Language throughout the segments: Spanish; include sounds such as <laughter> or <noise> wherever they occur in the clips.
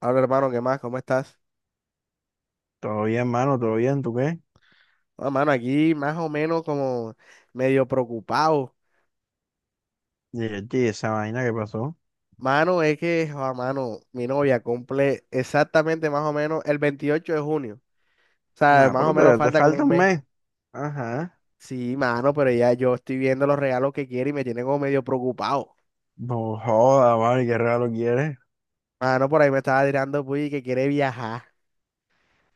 Hola hermano, ¿qué más? ¿Cómo estás? Todo bien, mano, todo bien, ¿tú qué? Ah, mano, aquí más o menos como medio preocupado. Y yo, "Chi, esa vaina que pasó. Mano, es que, ah, mano, mi novia cumple exactamente más o menos el 28 de junio. O sea, Nada, más o pero menos todavía te falta como falta un un mes. mes. Ajá. Sí, mano, pero ya yo estoy viendo los regalos que quiere y me tiene como medio preocupado. No joda, mano, ¿y qué regalo quieres? Mano, por ahí me estaba tirando puy que quiere viajar.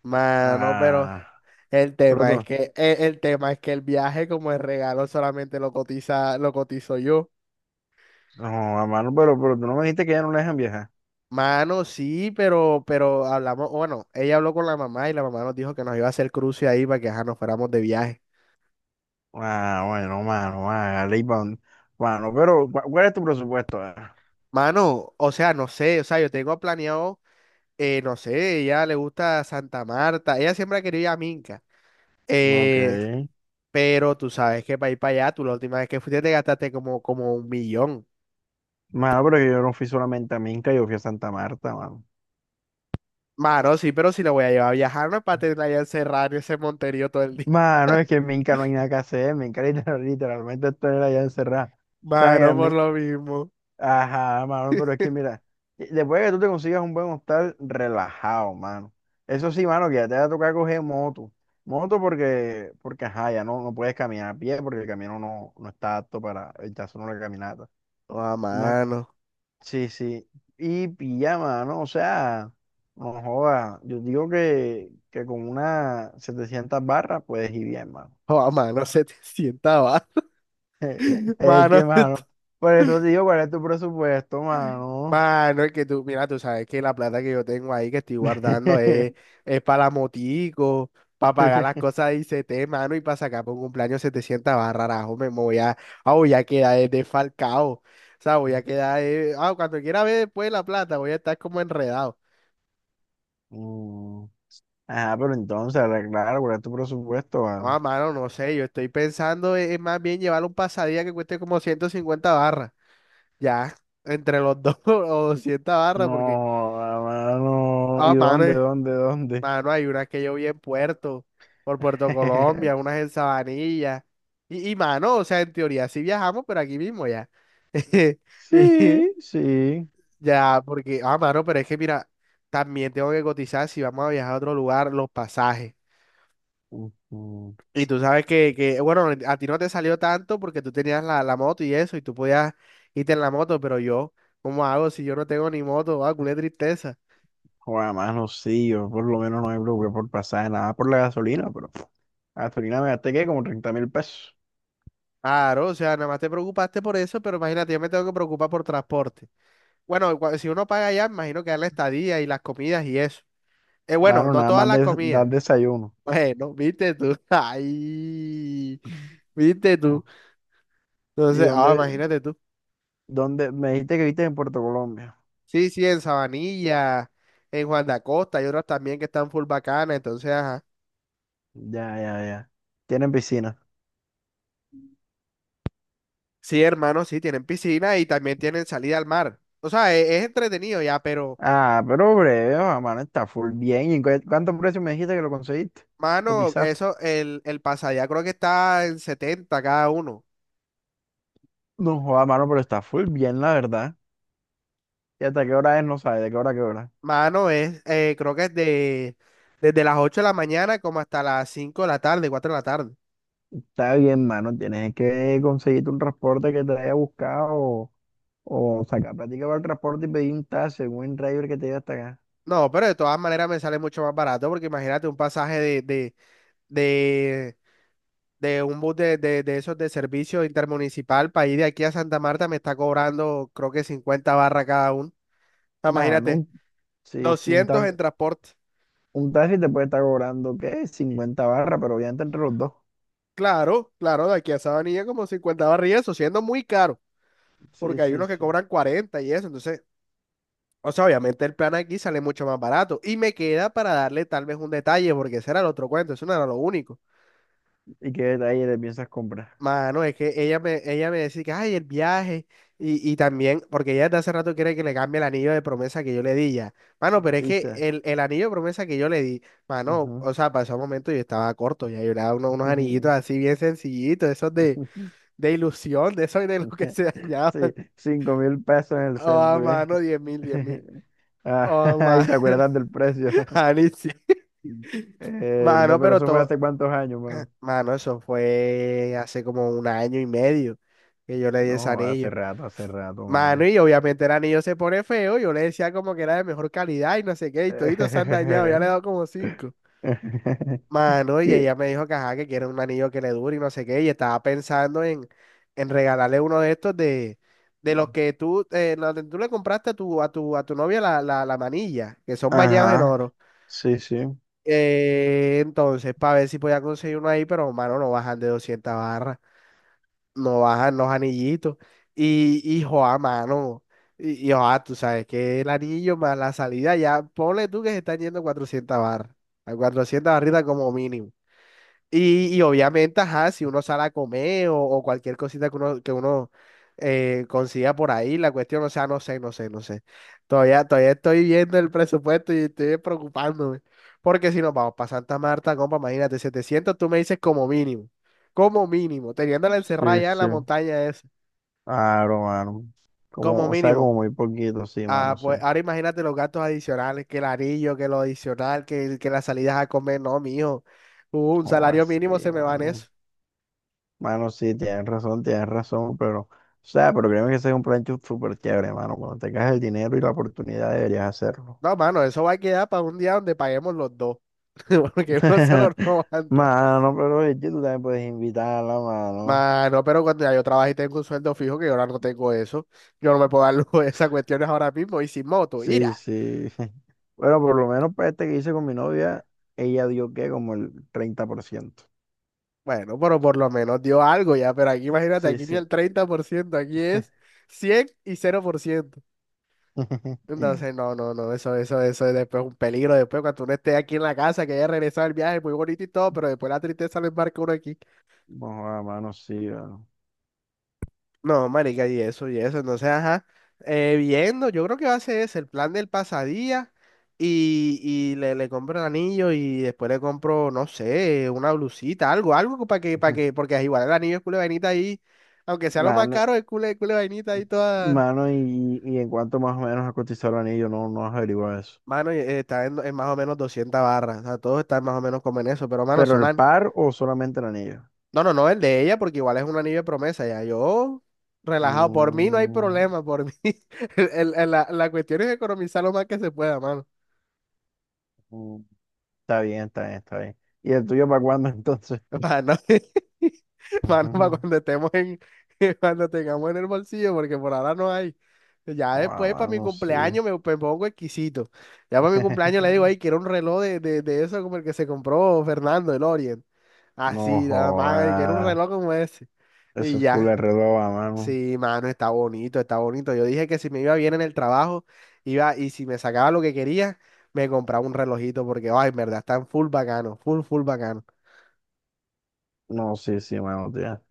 Mano, pero Ah, el pero tú, tema es que el, el tema es que el viaje como el regalo solamente lo cotizo yo. no, mano, pero tú no me dijiste que ya no le dejan viajar. Mano, sí, pero hablamos, bueno, ella habló con la mamá y la mamá nos dijo que nos iba a hacer cruce ahí para que ajá, nos fuéramos de viaje. Ah, bueno, mano, hágale Mano, pero, ¿cuál es tu presupuesto? Ah, Mano, o sea, no sé, o sea, yo tengo planeado, no sé, ella le gusta Santa Marta, ella siempre ha querido ir a Minca, ok. eh, pero tú sabes que para ir para allá, tú la última vez que fuiste te gastaste como, como un millón. Mano, pero que yo no fui solamente a Minca, yo fui a Santa Marta, mano. Mano, sí, pero si la voy a llevar a viajar, no es para tenerla allá encerrada en ese monterío todo el día. Mano, es que en Minca no hay nada que hacer, en Minca <laughs> literalmente estoy allá encerrado. O <laughs> sea, mira, Mano, por lo mismo. ajá, mano, pero es que mira, después de que tú te consigas un buen hostal, relajado, mano. Eso sí, mano, que ya te va a tocar coger moto. Moto porque ajá, ya no, no puedes caminar a pie porque el camino no, no está apto para el caso solo la caminata. Oh, No, mano. sí, sí. Y pijama, ¿no? O sea, no joda. Yo digo que con una 700 barras puedes ir bien, mano. Oh, mano, <laughs> se te sienta, va. <laughs> <laughs> Es Mano, que, <laughs> mano, por eso te digo, ¿cuál es tu presupuesto, mano? Mano, es que tú, mira, tú sabes que la plata que yo tengo ahí que estoy guardando es para la motico, para pagar las <laughs> cosas de ICT, mano, y para sacar por un cumpleaños 700 barras, rajo, me voy a, voy a quedar desfalcado, o sea, voy a quedar, cuando quiera ver después la plata, voy a estar como enredado. Mm. Ah, pero entonces arreglar, guardar tu presupuesto, ¿vale? Ah, mano, no sé, yo estoy pensando es más bien llevar un pasadía que cueste como 150 barras, ya, entre los dos <laughs> o 200 barras, porque, No, hermano. ¿Y ah, mano. dónde, dónde, dónde? Mano, hay unas que yo vi en Puerto, por Puerto Colombia, <laughs> unas en Sabanilla. Y mano, o sea, en teoría sí viajamos, pero aquí mismo ya. <laughs> Y Sí, sí. ya, porque, ah, mano, pero es que mira, también tengo que cotizar si vamos a viajar a otro lugar, los pasajes. Ujú. Y tú sabes que, bueno, a ti no te salió tanto porque tú tenías la moto y eso, y tú podías irte en la moto, pero yo, ¿cómo hago si yo no tengo ni moto? Ah, culé tristeza. Joder, mano, sí, yo por lo menos no me preocupé por pasaje, nada por la gasolina, pero pff, gasolina me gasté que como 30.000 pesos. Claro, o sea, nada más te preocupaste por eso, pero imagínate, yo me tengo que preocupar por transporte. Bueno, si uno paga allá, me imagino que da la estadía y las comidas y eso. Bueno, Mano, no nada todas más las de dar comidas. <laughs> desayuno. Bueno, viste tú. <laughs> Ay, Mm. viste tú. Oh. ¿Y Entonces, ah, dónde, imagínate tú. dónde? Me dijiste que viste en Puerto Colombia. Sí, sí, en Sabanilla, en Juan de Acosta, y otras también que están full bacanas. Entonces, ajá. Ya, ya, ya. Tienen piscina. Sí, hermano, sí, tienen piscina y también tienen salida al mar. O sea, es, entretenido ya, pero, Ah, pero breve, ah, mano, está full bien. ¿Y en cuánto precio me dijiste que lo conseguiste? mano, ¿Cotizaste? eso, el pase allá creo que está en 70 cada uno. No joda, mano, pero está full bien, la verdad. ¿Y hasta qué hora es? No sabes, ¿de qué hora a qué hora? Mano, es, creo que es de, desde las 8 de la mañana como hasta las 5 de la tarde, 4 de la tarde. Está bien, mano, tienes que conseguirte un transporte que te haya buscado o sacar plática para el transporte y pedir un taxi, un driver que te lleve hasta acá. No, pero de todas maneras me sale mucho más barato porque imagínate un pasaje de, de un bus de esos de servicio intermunicipal para ir de aquí a Santa Marta me está cobrando creo que 50 barras cada uno. Ah, Mano, imagínate, sí, sí, un 200 taxi, en transporte. un taxi te puede estar cobrando, ¿qué? 50 barras, pero obviamente entre los dos. Claro, claro, de aquí a Sabanilla como 50 barras y eso, siendo muy caro, Sí, porque hay sí, unos que sí. cobran 40 y eso, entonces… O sea, obviamente el plan aquí sale mucho más barato. Y me queda para darle tal vez un detalle, porque ese era el otro cuento, eso no era lo único. ¿Y qué detalle le piensas comprar? Mano, es que ella me decía que, ay, el viaje. Y también, porque ella desde hace rato quiere que le cambie el anillo de promesa que yo le di ya. Mano, pero es Sí, que sí. el anillo de promesa que yo le di, mano, o sea, pasó un momento y yo estaba corto, ya yo le daba unos, Ujú. anillitos así bien sencillitos, esos <laughs> de ilusión, de esos de los que se dañaban. Sí, <laughs> 5.000 pesos en el Oh, centro, ¿bien? mano, 10.000, 10.000. <laughs> Ah. Oh, <laughs> Ay, man, ¿te acuerdas del precio? <laughs> Ani, sí. <laughs> ¿Verdad? Mano, Pero pero eso fue todo, hace cuántos años, mano. mano, eso fue hace como un año y medio que yo le di ese No, anillo. Hace rato, mano. Mano, y obviamente el anillo se pone feo, yo le decía como que era de mejor calidad y no sé qué, y toditos se han dañado, ya le he <laughs> dado como cinco. Mano, y Y- ella me dijo que ajá, que quiere un anillo que le dure y no sé qué, y estaba pensando en regalarle uno de estos de los que tú le compraste a tu novia la manilla, que son bañados en Ajá, oro. sí, sí, Entonces, para ver si podía conseguir uno ahí, pero mano, no bajan de 200 barras, no bajan los anillitos. Y joa, mano, y joa, tú sabes que el anillo más la salida, ya ponle tú que se están yendo 400 barras, a 400 barritas como mínimo. Y obviamente, ajá, si uno sale a comer o cualquier cosita que uno consiga por ahí, la cuestión, o sea, no sé, no sé, no sé. Todavía, todavía estoy viendo el presupuesto y estoy preocupándome. Porque si nos vamos para Santa Marta, compa, imagínate, 700 tú me dices como mínimo, teniéndola encerrada sí, ya en sí. la montaña esa, Claro, mano. como Como, o sea, como mínimo. muy poquito, sí, mano, Ah, sí. pues ahora imagínate los gastos adicionales, que el anillo, que lo adicional, que las salidas a comer, no, mijo. Un Como salario así, mínimo se me va en mano. eso. Mano, sí, tienes razón, pero, o sea, pero créeme que ese es un plan súper chévere, mano. Cuando tengas el dinero y la oportunidad deberías hacerlo. No, mano, eso va a quedar para un día donde paguemos los dos. <laughs> Porque uno solo no <laughs> aguanta. Mano, pero es que tú también puedes invitarla, mano. Mano, pero cuando ya yo trabajo y tengo un sueldo fijo, que yo ahora no tengo eso, yo no me puedo dar lujo de esas cuestiones ahora mismo y sin moto, Sí, ira. sí. <laughs> Bueno, por lo menos para este que hice con mi novia, ella dio que como el 30%. Bueno, pero por lo menos dio algo ya, pero aquí imagínate, Sí, aquí ni sí. el 30% aquí es 100 y 0%. <laughs> Entonces, no, no, no, eso es después un peligro, después cuando uno esté aquí en la casa, que haya regresado el viaje, muy bonito y todo, pero después la tristeza lo embarca uno aquí. Bueno, mano, sí, mano. No, marica, y eso, y eso. Entonces, ajá, viendo, yo creo que va a ser ese, el plan del pasadía y le compro el anillo y después le compro, no sé, una blusita, algo, algo para que, <laughs> porque igual el anillo es culo de vainita ahí, aunque sea lo más Mano, caro, es culo de vainita ahí toda, mano, y en cuanto más o menos a cotizar el anillo, no, no has averiguado eso. mano, y, está en más o menos 200 barras, o sea, todos están más o menos como en eso, pero, mano, ¿Pero son. el par o solamente el anillo? No, no, no, el de ella, porque igual es un anillo de promesa, ya yo relajado, por mí no hay Mm, problema, por mí. <laughs> La cuestión es economizar lo más que se pueda, mano. mm, está bien, está bien, está bien. ¿Y el tuyo para cuándo <laughs> entonces? Para <laughs> Mano, para Ujú. cuando estemos en, <laughs> cuando tengamos en el bolsillo, porque por ahora no hay. Ya Guau, después, para mi mano, sí. cumpleaños, me pongo exquisito. Ya para mi cumpleaños le digo, <laughs> ay, quiero un reloj de eso como el que se compró Fernando, el Orient. No Así, nada más, ay, quiero un jodas. reloj como ese. Eso Y es culo ya. de reloj, mano. Sí, mano, está bonito, está bonito. Yo dije que si me iba bien en el trabajo, iba, y si me sacaba lo que quería, me compraba un relojito, porque, ay, en verdad, están full bacano, full, full bacano. No, sí, sí, mano, tía.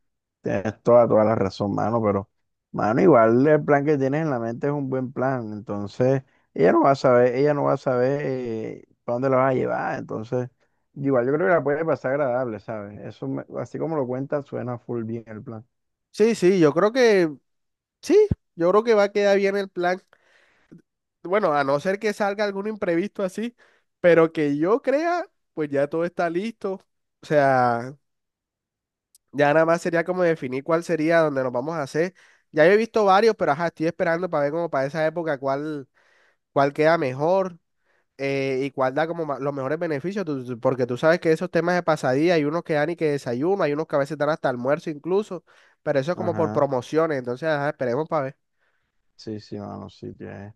Tienes toda, toda la razón, mano, pero, mano, igual el plan que tienes en la mente es un buen plan, entonces ella no va a saber, ella no va a saber para dónde la vas a llevar, entonces, igual yo creo que la puede pasar agradable, ¿sabes? Eso, así como lo cuenta suena full bien el plan. Sí, sí, yo creo que, sí, yo creo que va a quedar bien el plan. Bueno, a no ser que salga algún imprevisto así, pero que yo crea, pues ya todo está listo. O sea, ya nada más sería como definir cuál sería donde nos vamos a hacer. Ya yo he visto varios, pero ajá, estoy esperando para ver como para esa época cuál, cuál queda mejor. Y cuál da como los mejores beneficios, porque tú sabes que esos temas de pasadía hay unos que dan y que desayuno, hay unos que a veces dan hasta almuerzo incluso, pero eso es como por Ajá, promociones, entonces ajá, esperemos para ver. sí, sí, mano, sí, tienes.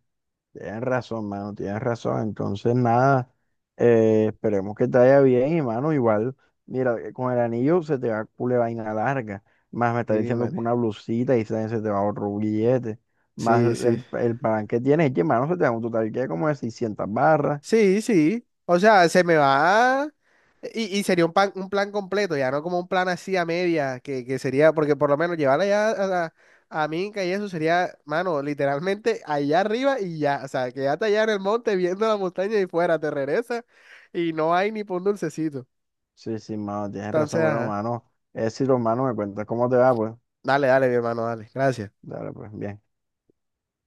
Tienes razón, mano, tienes razón. Entonces, nada, esperemos que te vaya bien y, mano, igual, mira, con el anillo se te va cule vaina larga, más me está Sí, diciendo que man. una blusita y se te va otro billete, más Sí, sí. el plan que tienes, es que, mano, se te da un total que como de 600 barras. Sí, sí. O sea, se me va. Y sería un, un plan completo, ya no como un plan así a media, que sería, porque por lo menos llevarla ya a, a Minca y eso sería, mano, literalmente allá arriba y ya, o sea, quédate allá en el monte viendo la montaña y fuera, te regresa y no hay ni por un dulcecito. Sí, sí, mano, tienes Entonces, razón, pero, ajá, mano, es si los manos me cuentas cómo te va, pues, dale, dale, mi hermano, dale, gracias. dale, pues, bien.